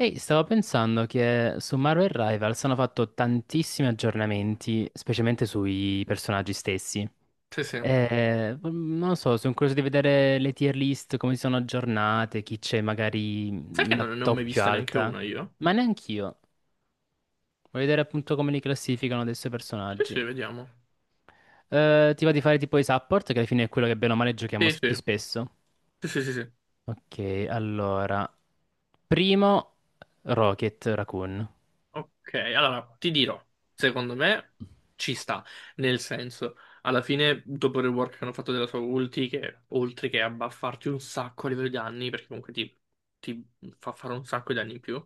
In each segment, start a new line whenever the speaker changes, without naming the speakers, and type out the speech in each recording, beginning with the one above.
Ehi, stavo pensando che su Marvel Rivals hanno fatto tantissimi aggiornamenti, specialmente sui personaggi stessi.
Sì, sì.
Non lo so, sono curioso di vedere le tier list, come si sono aggiornate, chi c'è
Sai
magari
che
la
non ne ho mai
top più
vista neanche
alta.
una io?
Ma neanch'io. Voglio vedere appunto come li classificano adesso i
Sì,
personaggi.
sì, vediamo.
Ti va di fare tipo i support, che alla fine è quello che bene o male
Sì,
più
sì,
spesso.
sì, sì, sì, sì.
Ok, allora. Primo, Rocket Raccoon.
Ok, allora ti dirò, secondo me ci sta, nel senso, alla fine dopo il rework che hanno fatto della sua ulti, che oltre che a buffarti un sacco a livello di danni, perché comunque ti fa fare un sacco di danni in più,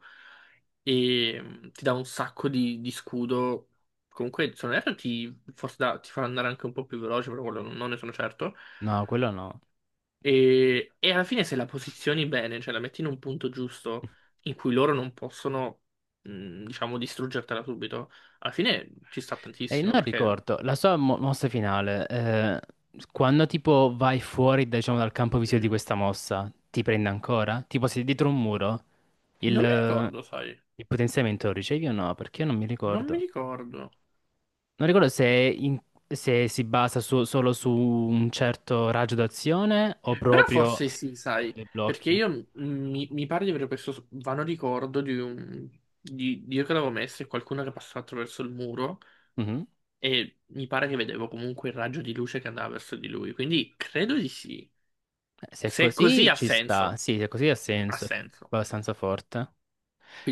e ti dà un sacco di scudo, comunque se non erro ti, forse ti fa andare anche un po' più veloce, però quello non ne sono certo.
No, quello no.
E alla fine se la posizioni bene, cioè la metti in un punto giusto in cui loro non possono, diciamo, distruggertela subito, alla fine ci sta
E
tantissimo
non
perché
ricordo, la sua mossa finale, quando tipo vai fuori, diciamo, dal campo visivo di questa mossa, ti prende ancora? Tipo sei dietro un muro, il,
non mi
eh,
ricordo, sai,
il potenziamento lo ricevi o no? Perché io non mi
non mi
ricordo.
ricordo.
Non ricordo se, è in- se si solo su un certo raggio d'azione o
Però
proprio
forse sì,
con
sai,
dei
perché
blocchi.
io mi pare di avere questo vano ricordo di un... Di io che l'avevo messo e qualcuno che passava attraverso il muro
Mhm.
e mi pare che vedevo comunque il raggio di luce che andava verso di lui, quindi credo di sì.
Se è
Se è così
così
ha
ci sta,
senso.
sì, se è così ha
Ha
senso, è
senso.
abbastanza forte.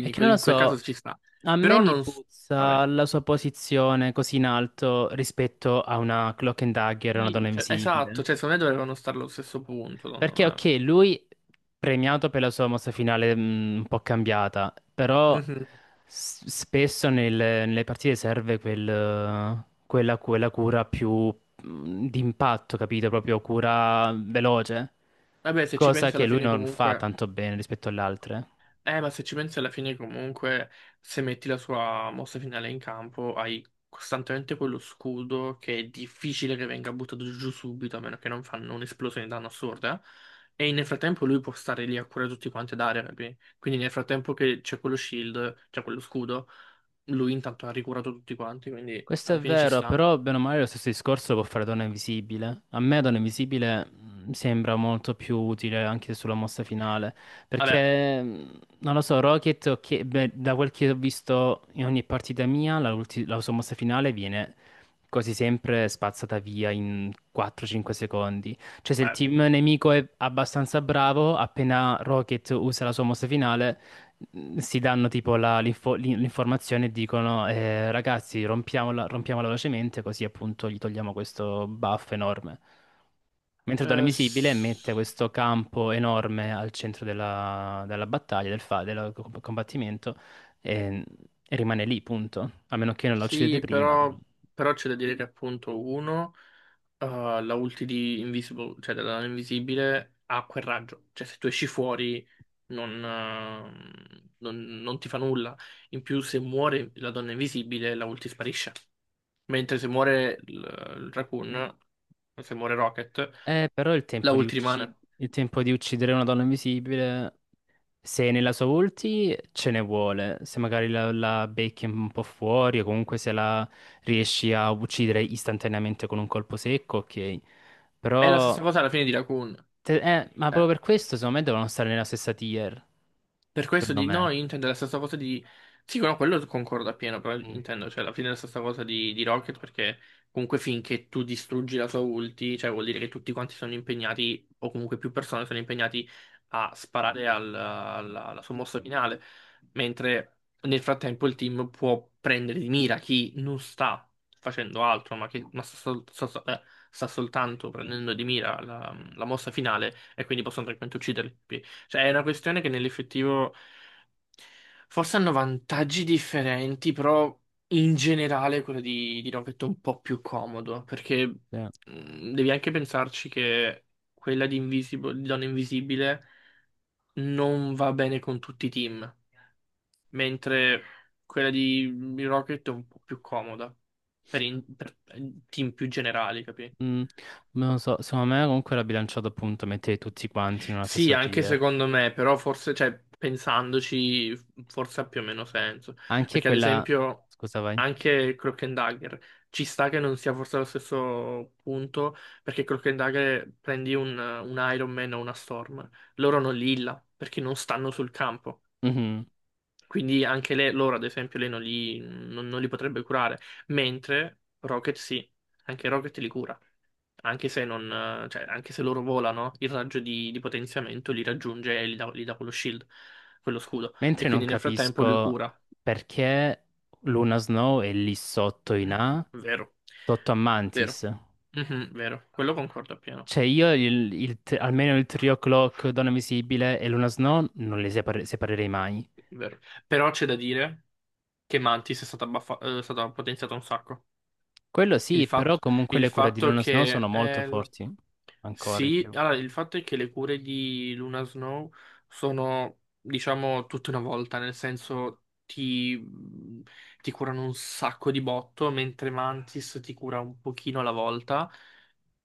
È
in
che non
quel,
lo
in quel
so.
caso ci sta.
A me
Però
mi
non...
puzza
Vabbè.
la sua posizione così in alto rispetto a una Cloak and Dagger, una donna
Sì, cioè, esatto,
invisibile.
cioè secondo me dovevano stare allo stesso punto, secondo
Perché,
me.
ok, lui premiato per la sua mossa finale un po' cambiata, però
Mhm.
spesso nelle partite serve quella, quella cura più d'impatto, capito? Proprio cura veloce,
Vabbè, se ci
cosa
pensi
che
alla
lui
fine
non fa
comunque...
tanto bene rispetto alle altre.
Ma se ci pensi alla fine comunque, se metti la sua mossa finale in campo, hai costantemente quello scudo che è difficile che venga buttato giù subito, a meno che non fanno un'esplosione di danno assurda. E nel frattempo lui può stare lì a curare tutti quanti ad area, capi? Quindi nel frattempo che c'è quello shield, c'è quello scudo, lui intanto ha ricurato tutti quanti, quindi
Questo
alla
è
fine ci
vero,
sta.
però bene o male lo stesso discorso può fare Donna Invisibile. A me Donna Invisibile sembra molto più utile anche sulla mossa finale,
Vabbè,
perché non lo so, Rocket, ok, beh, da quel che ho visto in ogni partita mia, la sua mossa finale viene quasi sempre spazzata via in 4-5 secondi. Cioè se il
beh,
team nemico è abbastanza bravo, appena Rocket usa la sua mossa finale si danno tipo l'informazione e dicono ragazzi rompiamola, rompiamola velocemente così appunto gli togliamo questo buff enorme. Mentre Donna
eh,
Invisibile mette questo campo enorme al centro della, della battaglia, del, fa- del co- combattimento e, e rimane lì, punto. A meno che non la uccidete
Sì,
prima, però.
però c'è da dire che appunto uno, la ulti di Invisible, cioè della nana invisibile, ha quel raggio. Cioè se tu esci fuori non ti fa nulla. In più se muore la donna invisibile, la ulti sparisce. Mentre se muore il Raccoon, se muore Rocket,
Però il
la
tempo di
ulti
ucci-
rimane.
il tempo di uccidere una donna invisibile, se nella sua ulti ce ne vuole, se magari la, la becchi un po' fuori o comunque se la riesci a uccidere istantaneamente con un colpo secco, ok.
È la
Però,
stessa cosa alla fine di Raccoon.
ma proprio
Eh,
per questo secondo me devono stare nella stessa tier,
Per questo
secondo
di... No,
me.
io intendo la stessa cosa di... Sì, no, quello concordo appieno, però
Mm,
intendo, cioè, alla fine è la stessa cosa di Rocket, perché comunque finché tu distruggi la sua ulti, cioè vuol dire che tutti quanti sono impegnati, o comunque più persone sono impegnati a sparare al- alla, alla sua mossa finale, mentre nel frattempo il team può prendere di mira chi non sta facendo altro, ma che ma sta soltanto prendendo di mira la, la mossa finale, e quindi possono tranquillamente ucciderli. Cioè, è una questione che nell'effettivo forse hanno vantaggi differenti, però in generale quello di Rocket è un po' più comodo, perché
sì.
devi anche pensarci che quella di, Invisible, di Donna Invisibile non va bene con tutti i team, mentre quella di Rocket è un po' più comoda per team più generali, capi?
Mm, non lo so, secondo me comunque l'ha bilanciato appunto mettere tutti quanti in una
Sì,
stessa
anche
tier.
secondo me, però forse, cioè, pensandoci, forse ha più o meno senso.
Anche
Perché ad
quella...
esempio
Scusa, vai.
anche Cloak and Dagger ci sta che non sia forse allo stesso punto, perché Cloak and Dagger prendi un Iron Man o una Storm, loro non li illa, perché non stanno sul campo.
Mhm.
Quindi anche lei, loro ad esempio, lei non li potrebbe curare, mentre Rocket sì, anche Rocket li cura anche se non, cioè, anche se loro volano, il raggio di potenziamento li raggiunge e gli dà quello shield, quello scudo. E
Mentre non
quindi nel frattempo lui
capisco
cura.
perché Luna Snow è lì sotto in A
Vero,
sotto a
vero.
Mantis.
Mhm, vero, quello concordo appieno,
Cioè io almeno il trio Clock, Donna Visibile e Luna Snow non li separerei mai.
vero. Però c'è da dire che Mantis è stata, baffa- è stata potenziata un sacco.
Quello
Il
sì, però
fatto,
comunque
il
le cure di
fatto
Luna Snow
che...
sono molto forti, ancora di
Sì,
più.
allora il fatto è che le cure di Luna Snow sono, diciamo, tutta una volta, nel senso ti curano un sacco di botto, mentre Mantis ti cura un pochino alla volta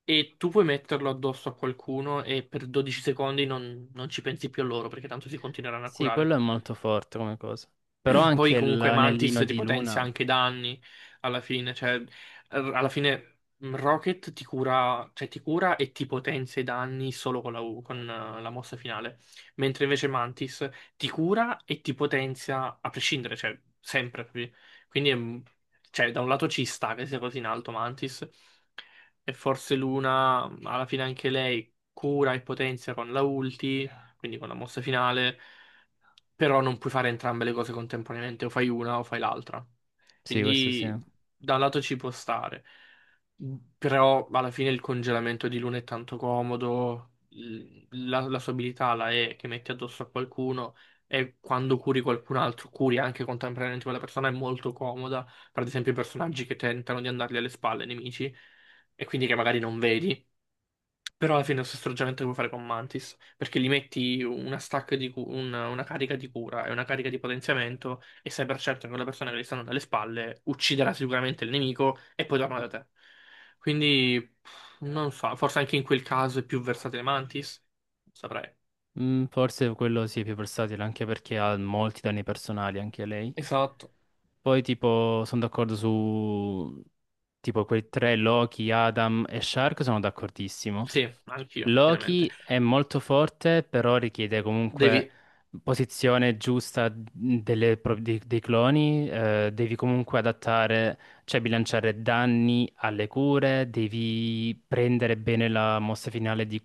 e tu puoi metterlo addosso a qualcuno e per 12 secondi non ci pensi più a loro perché tanto si continueranno a
Sì,
curare.
quello è molto forte come cosa. Però
Poi
anche
comunque
l'anellino
Mantis ti
di
potenzia
Luna,
anche i danni alla fine, cioè alla fine Rocket ti cura, cioè ti cura e ti potenzia i danni solo con la mossa finale, mentre invece Mantis ti cura e ti potenzia a prescindere, cioè sempre. Capi? Quindi è cioè, da un lato ci sta che sia così in alto Mantis e forse Luna alla fine anche lei cura e potenzia con la ulti, quindi con la mossa finale però non puoi fare entrambe le cose contemporaneamente, o fai una o fai l'altra.
sì, questo sì.
Quindi da un lato ci può stare, però alla fine il congelamento di Luna è tanto comodo, l- la, la sua abilità la è che metti addosso a qualcuno e quando curi qualcun altro, curi anche contemporaneamente quella persona, è molto comoda, per ad esempio i personaggi che tentano di andargli alle spalle, ai nemici, e quindi che magari non vedi. Però alla fine è lo stesso ragionamento che puoi fare con Mantis, perché gli metti una stack di cu- una carica di cura e una carica di potenziamento e sai per certo che quella persona che gli stanno dalle spalle ucciderà sicuramente il nemico e poi torna da te. Quindi pff, non so, forse anche in quel caso è più versatile Mantis, non saprei.
Mm, forse quello sì, è più versatile, anche perché ha molti danni personali, anche lei.
Esatto.
Poi tipo sono d'accordo su tipo quei tre Loki, Adam e Shark, sono d'accordissimo.
Sì, anch'io, pienamente.
Loki è molto forte, però richiede comunque
Devi...
posizione giusta delle dei cloni. Devi comunque adattare, cioè bilanciare danni alle cure, devi prendere bene la mossa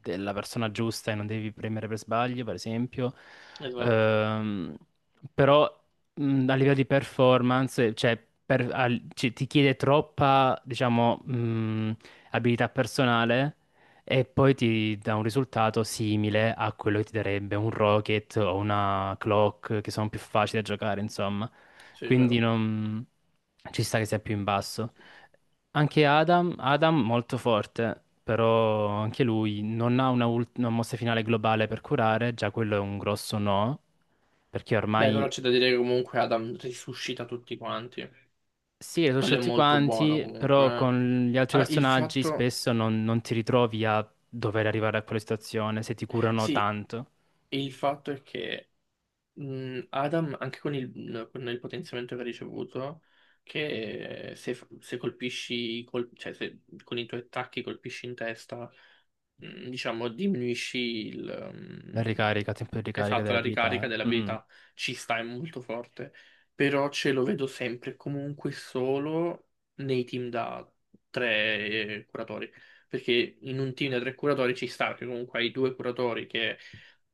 della persona giusta e non devi premere per sbaglio, per esempio.
Esatto,
Ehm, Però a livello di performance, cioè, ti chiede troppa, diciamo, abilità personale e poi ti dà un risultato simile a quello che ti darebbe un Rocket o una Clock, che sono più facili da giocare, insomma.
sì, è
Quindi
vero.
non... ci sta che sia più in basso. Anche Adam, Adam molto forte, però anche lui non ha una mossa finale globale per curare, già quello è un grosso no, perché
Beh,
ormai
però c'è da dire che comunque Adam risuscita tutti quanti.
sì, le conosci
Quello è
tutti
molto buono
quanti,
comunque.
però con gli altri
Allora, il
personaggi
fatto...
spesso non, non ti ritrovi a dover arrivare a quella situazione se ti curano
Sì,
tanto.
e il fatto è che Adam, anche con il potenziamento che ha ricevuto, che se colpisci, cioè se con i tuoi attacchi colpisci in testa diciamo, diminuisci il,
La ricarica, tempo di ricarica
esatto,
delle
la
abilità.
ricarica
Eh. Mhm.
dell'abilità. Ci sta, è molto forte. Però ce lo vedo sempre e comunque solo nei team da tre curatori. Perché in un team da tre curatori ci sta, che comunque hai due curatori che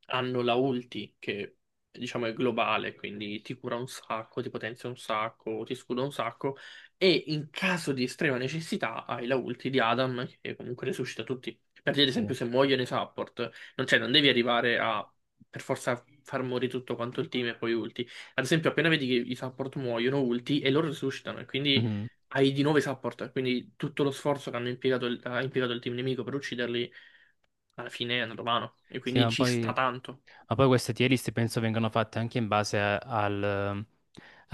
hanno la ulti, che diciamo è globale, quindi ti cura un sacco, ti potenzia un sacco, ti scuda un sacco e in caso di estrema necessità hai la ulti di Adam che comunque resuscita tutti. Per dire, ad
Sì.
esempio, se muoiono i support, non, cioè, non devi arrivare a per forza far morire tutto quanto il team e poi ulti. Ad esempio, appena vedi che i support muoiono, ulti e loro resuscitano, e quindi
Mhm.
hai di nuovo i support. Quindi tutto lo sforzo che hanno impiegato il, ha impiegato il team nemico per ucciderli, alla fine è andato vano. E
Sì,
quindi ci sta tanto.
ma poi queste tier list penso vengano fatte anche in base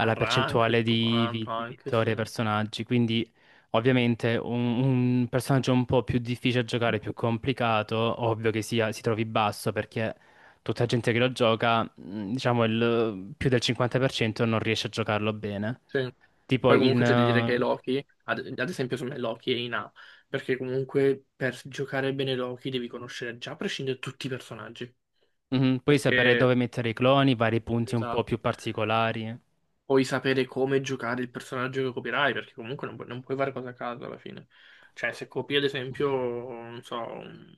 A rank e
percentuale
tutto
di
quanto,
di
anche
vittorie ai
sì.
personaggi. Quindi, ovviamente, un personaggio un po' più difficile da giocare, più complicato, ovvio che sia, si trovi basso perché tutta gente che lo gioca, diciamo, il, più del 50% non riesce a giocarlo bene.
Sì.
Tipo
Poi comunque
in,
c'è da dire che Loki, ad esempio secondo me Loki è in A, perché comunque per giocare bene Loki devi conoscere già a prescindere tutti i personaggi,
mhm, puoi sapere
perché...
dove mettere i cloni, vari punti un po'
Esatto.
più particolari.
Puoi sapere come giocare il personaggio che copierai, perché comunque non, non puoi fare cose a caso alla fine. Cioè, se copi ad esempio, non so,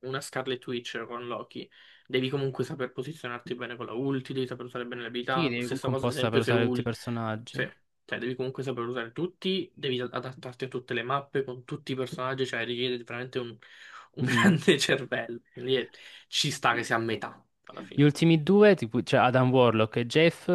una Scarlet Witch con Loki, devi comunque saper posizionarti bene con la ulti, devi saper usare bene le
Sì,
abilità.
devi
Stessa
comunque un
cosa, ad
po' saper
esempio, se
usare tutti i
ult...
personaggi.
Cioè, devi comunque saper usare tutti, devi adattarti a tutte le mappe, con tutti i personaggi, cioè richiede veramente un,
Mhm.
grande cervello. Quindi ci sta che sia a metà, alla
Gli
fine.
ultimi due, tipo, cioè Adam Warlock e Jeff,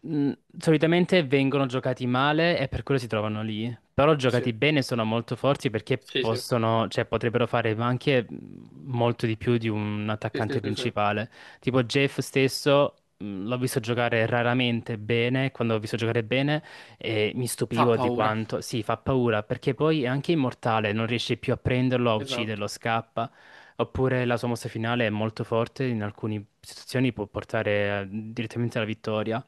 mh, solitamente vengono giocati male e per quello si trovano lì. Però
Sì,
giocati bene sono molto forti perché
sì, sì,
possono, cioè, potrebbero fare anche molto di più di un
sì, sì,
attaccante
sì, sì.
principale. Tipo Jeff stesso, l'ho visto giocare raramente bene, quando l'ho visto giocare bene e mi
Fa
stupivo di
paura.
quanto, sì, fa paura perché poi è anche immortale, non riesce più a prenderlo, a
Esatto,
ucciderlo, scappa. Oppure la sua mossa finale è molto forte, in alcune situazioni può portare direttamente alla vittoria.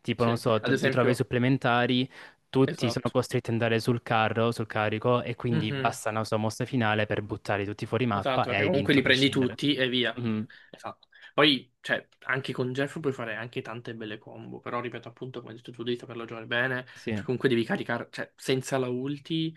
Tipo, non
sì.
so,
Ad
ti trovi ai
esempio,
supplementari, tutti sono
esatto.
costretti ad andare sul carro, sul carico, e quindi
Mhm.
basta una sua mossa finale per buttare tutti fuori mappa
Esatto,
e
perché
hai
comunque
vinto
li
a
prendi
prescindere.
tutti e via.
Mhm.
Esatto. Poi, cioè, anche con Jeff puoi fare anche tante belle combo, però ripeto appunto, come hai detto tu, devi saperlo giocare bene,
Sì.
perché comunque devi caricare, cioè, senza la ulti,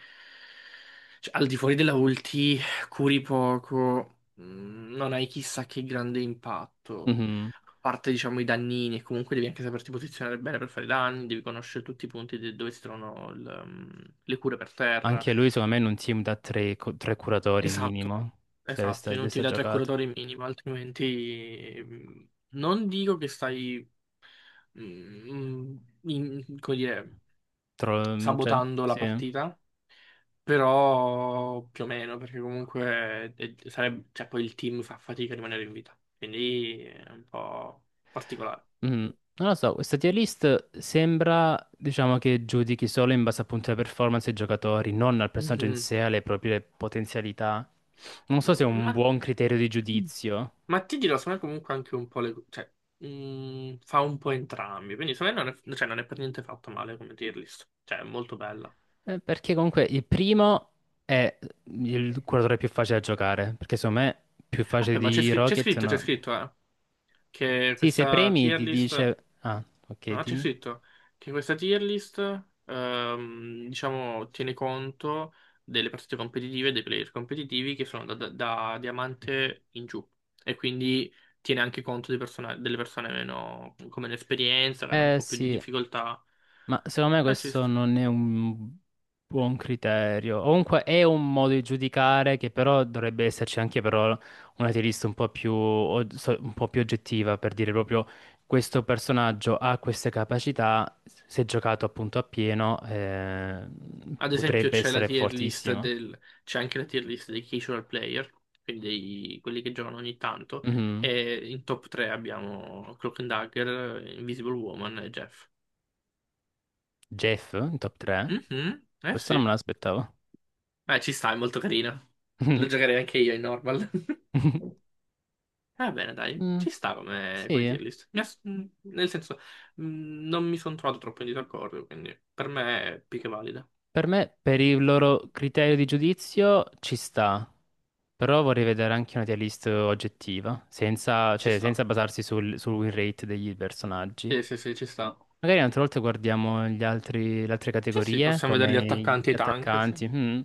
cioè, al di fuori della ulti, curi poco, non hai chissà che grande impatto,
Mhm.
a parte, diciamo, i dannini, e comunque devi anche saperti posizionare bene per fare i danni, devi conoscere tutti i punti dove si trovano le cure per terra.
Anche lui, secondo me, in un team da tre curatori
Esatto.
minimo
Esatto, e
deve
non ti
essere
dà tre
giocato.
curatori minimi, altrimenti non dico che stai, mh, come dire,
Cioè,
sabotando la
sì.
partita, però più o meno, perché comunque sarebbe- cioè, poi il team fa fatica a rimanere in vita, quindi è un po' particolare.
Mm, non lo so, questa tier list sembra, diciamo, che giudichi solo in base appunto alle performance dei giocatori, non al personaggio in
Mhm.
sé, alle proprie potenzialità. Non so se è un
Ma,
buon criterio di giudizio,
ma ti dirò, secondo me comunque anche un po' le... cioè, fa un po' entrambi, quindi secondo me non è, cioè, non è per niente fatto male come tier list, cioè è molto bella.
perché comunque il primo è il curatore più facile da giocare, perché secondo me più facile
Aspetta, ma c'è
di
c'è
Rocket
scritto, c'è
no.
scritto, che
Sì, se
questa
premi
tier
ti
list,
dice... Ah, ok,
no, c'è
dimmi.
scritto che questa tier list, diciamo, tiene conto delle partite competitive e dei player competitivi che sono da diamante in giù e quindi tiene anche conto dei delle persone meno, come l'esperienza, che hanno un
Eh
po' più di
sì,
difficoltà.
ma secondo me
Ma ci
questo
sta.
non è un buon criterio. O comunque è un modo di giudicare che però dovrebbe esserci anche però una tirista un po' più, un po' più oggettiva per dire proprio questo personaggio ha queste capacità, se giocato appunto a pieno
Ad esempio
potrebbe
c'è la
essere
tier list
fortissimo.
del, c'è anche la tier list dei casual player, quindi dei- quelli che giocano ogni tanto,
Mhm.
e in top 3 abbiamo Cloak and Dagger, Invisible Woman e Jeff.
Jeff in top 3?
Mhm, eh
Questo non
sì.
me l'aspettavo.
Beh, ci sta, è molto carina. Lo giocherei anche io in normal. Va bene, dai,
Mm.
ci sta come, come
Sì.
tier list. Nel senso, non mi sono trovato troppo in disaccordo, quindi per me è più che valida.
Per me, per il loro criterio di giudizio, ci sta, però vorrei vedere anche una tier list oggettiva, senza,
Ci
cioè,
sta.
senza basarsi sul win rate degli personaggi.
Sì, sì, sì, ci sta.
Magari un'altra volta guardiamo gli altri, le altre
Sì, sì,
categorie,
possiamo vedere gli
come
attaccanti e i
gli
tank, sì.
attaccanti. Mm.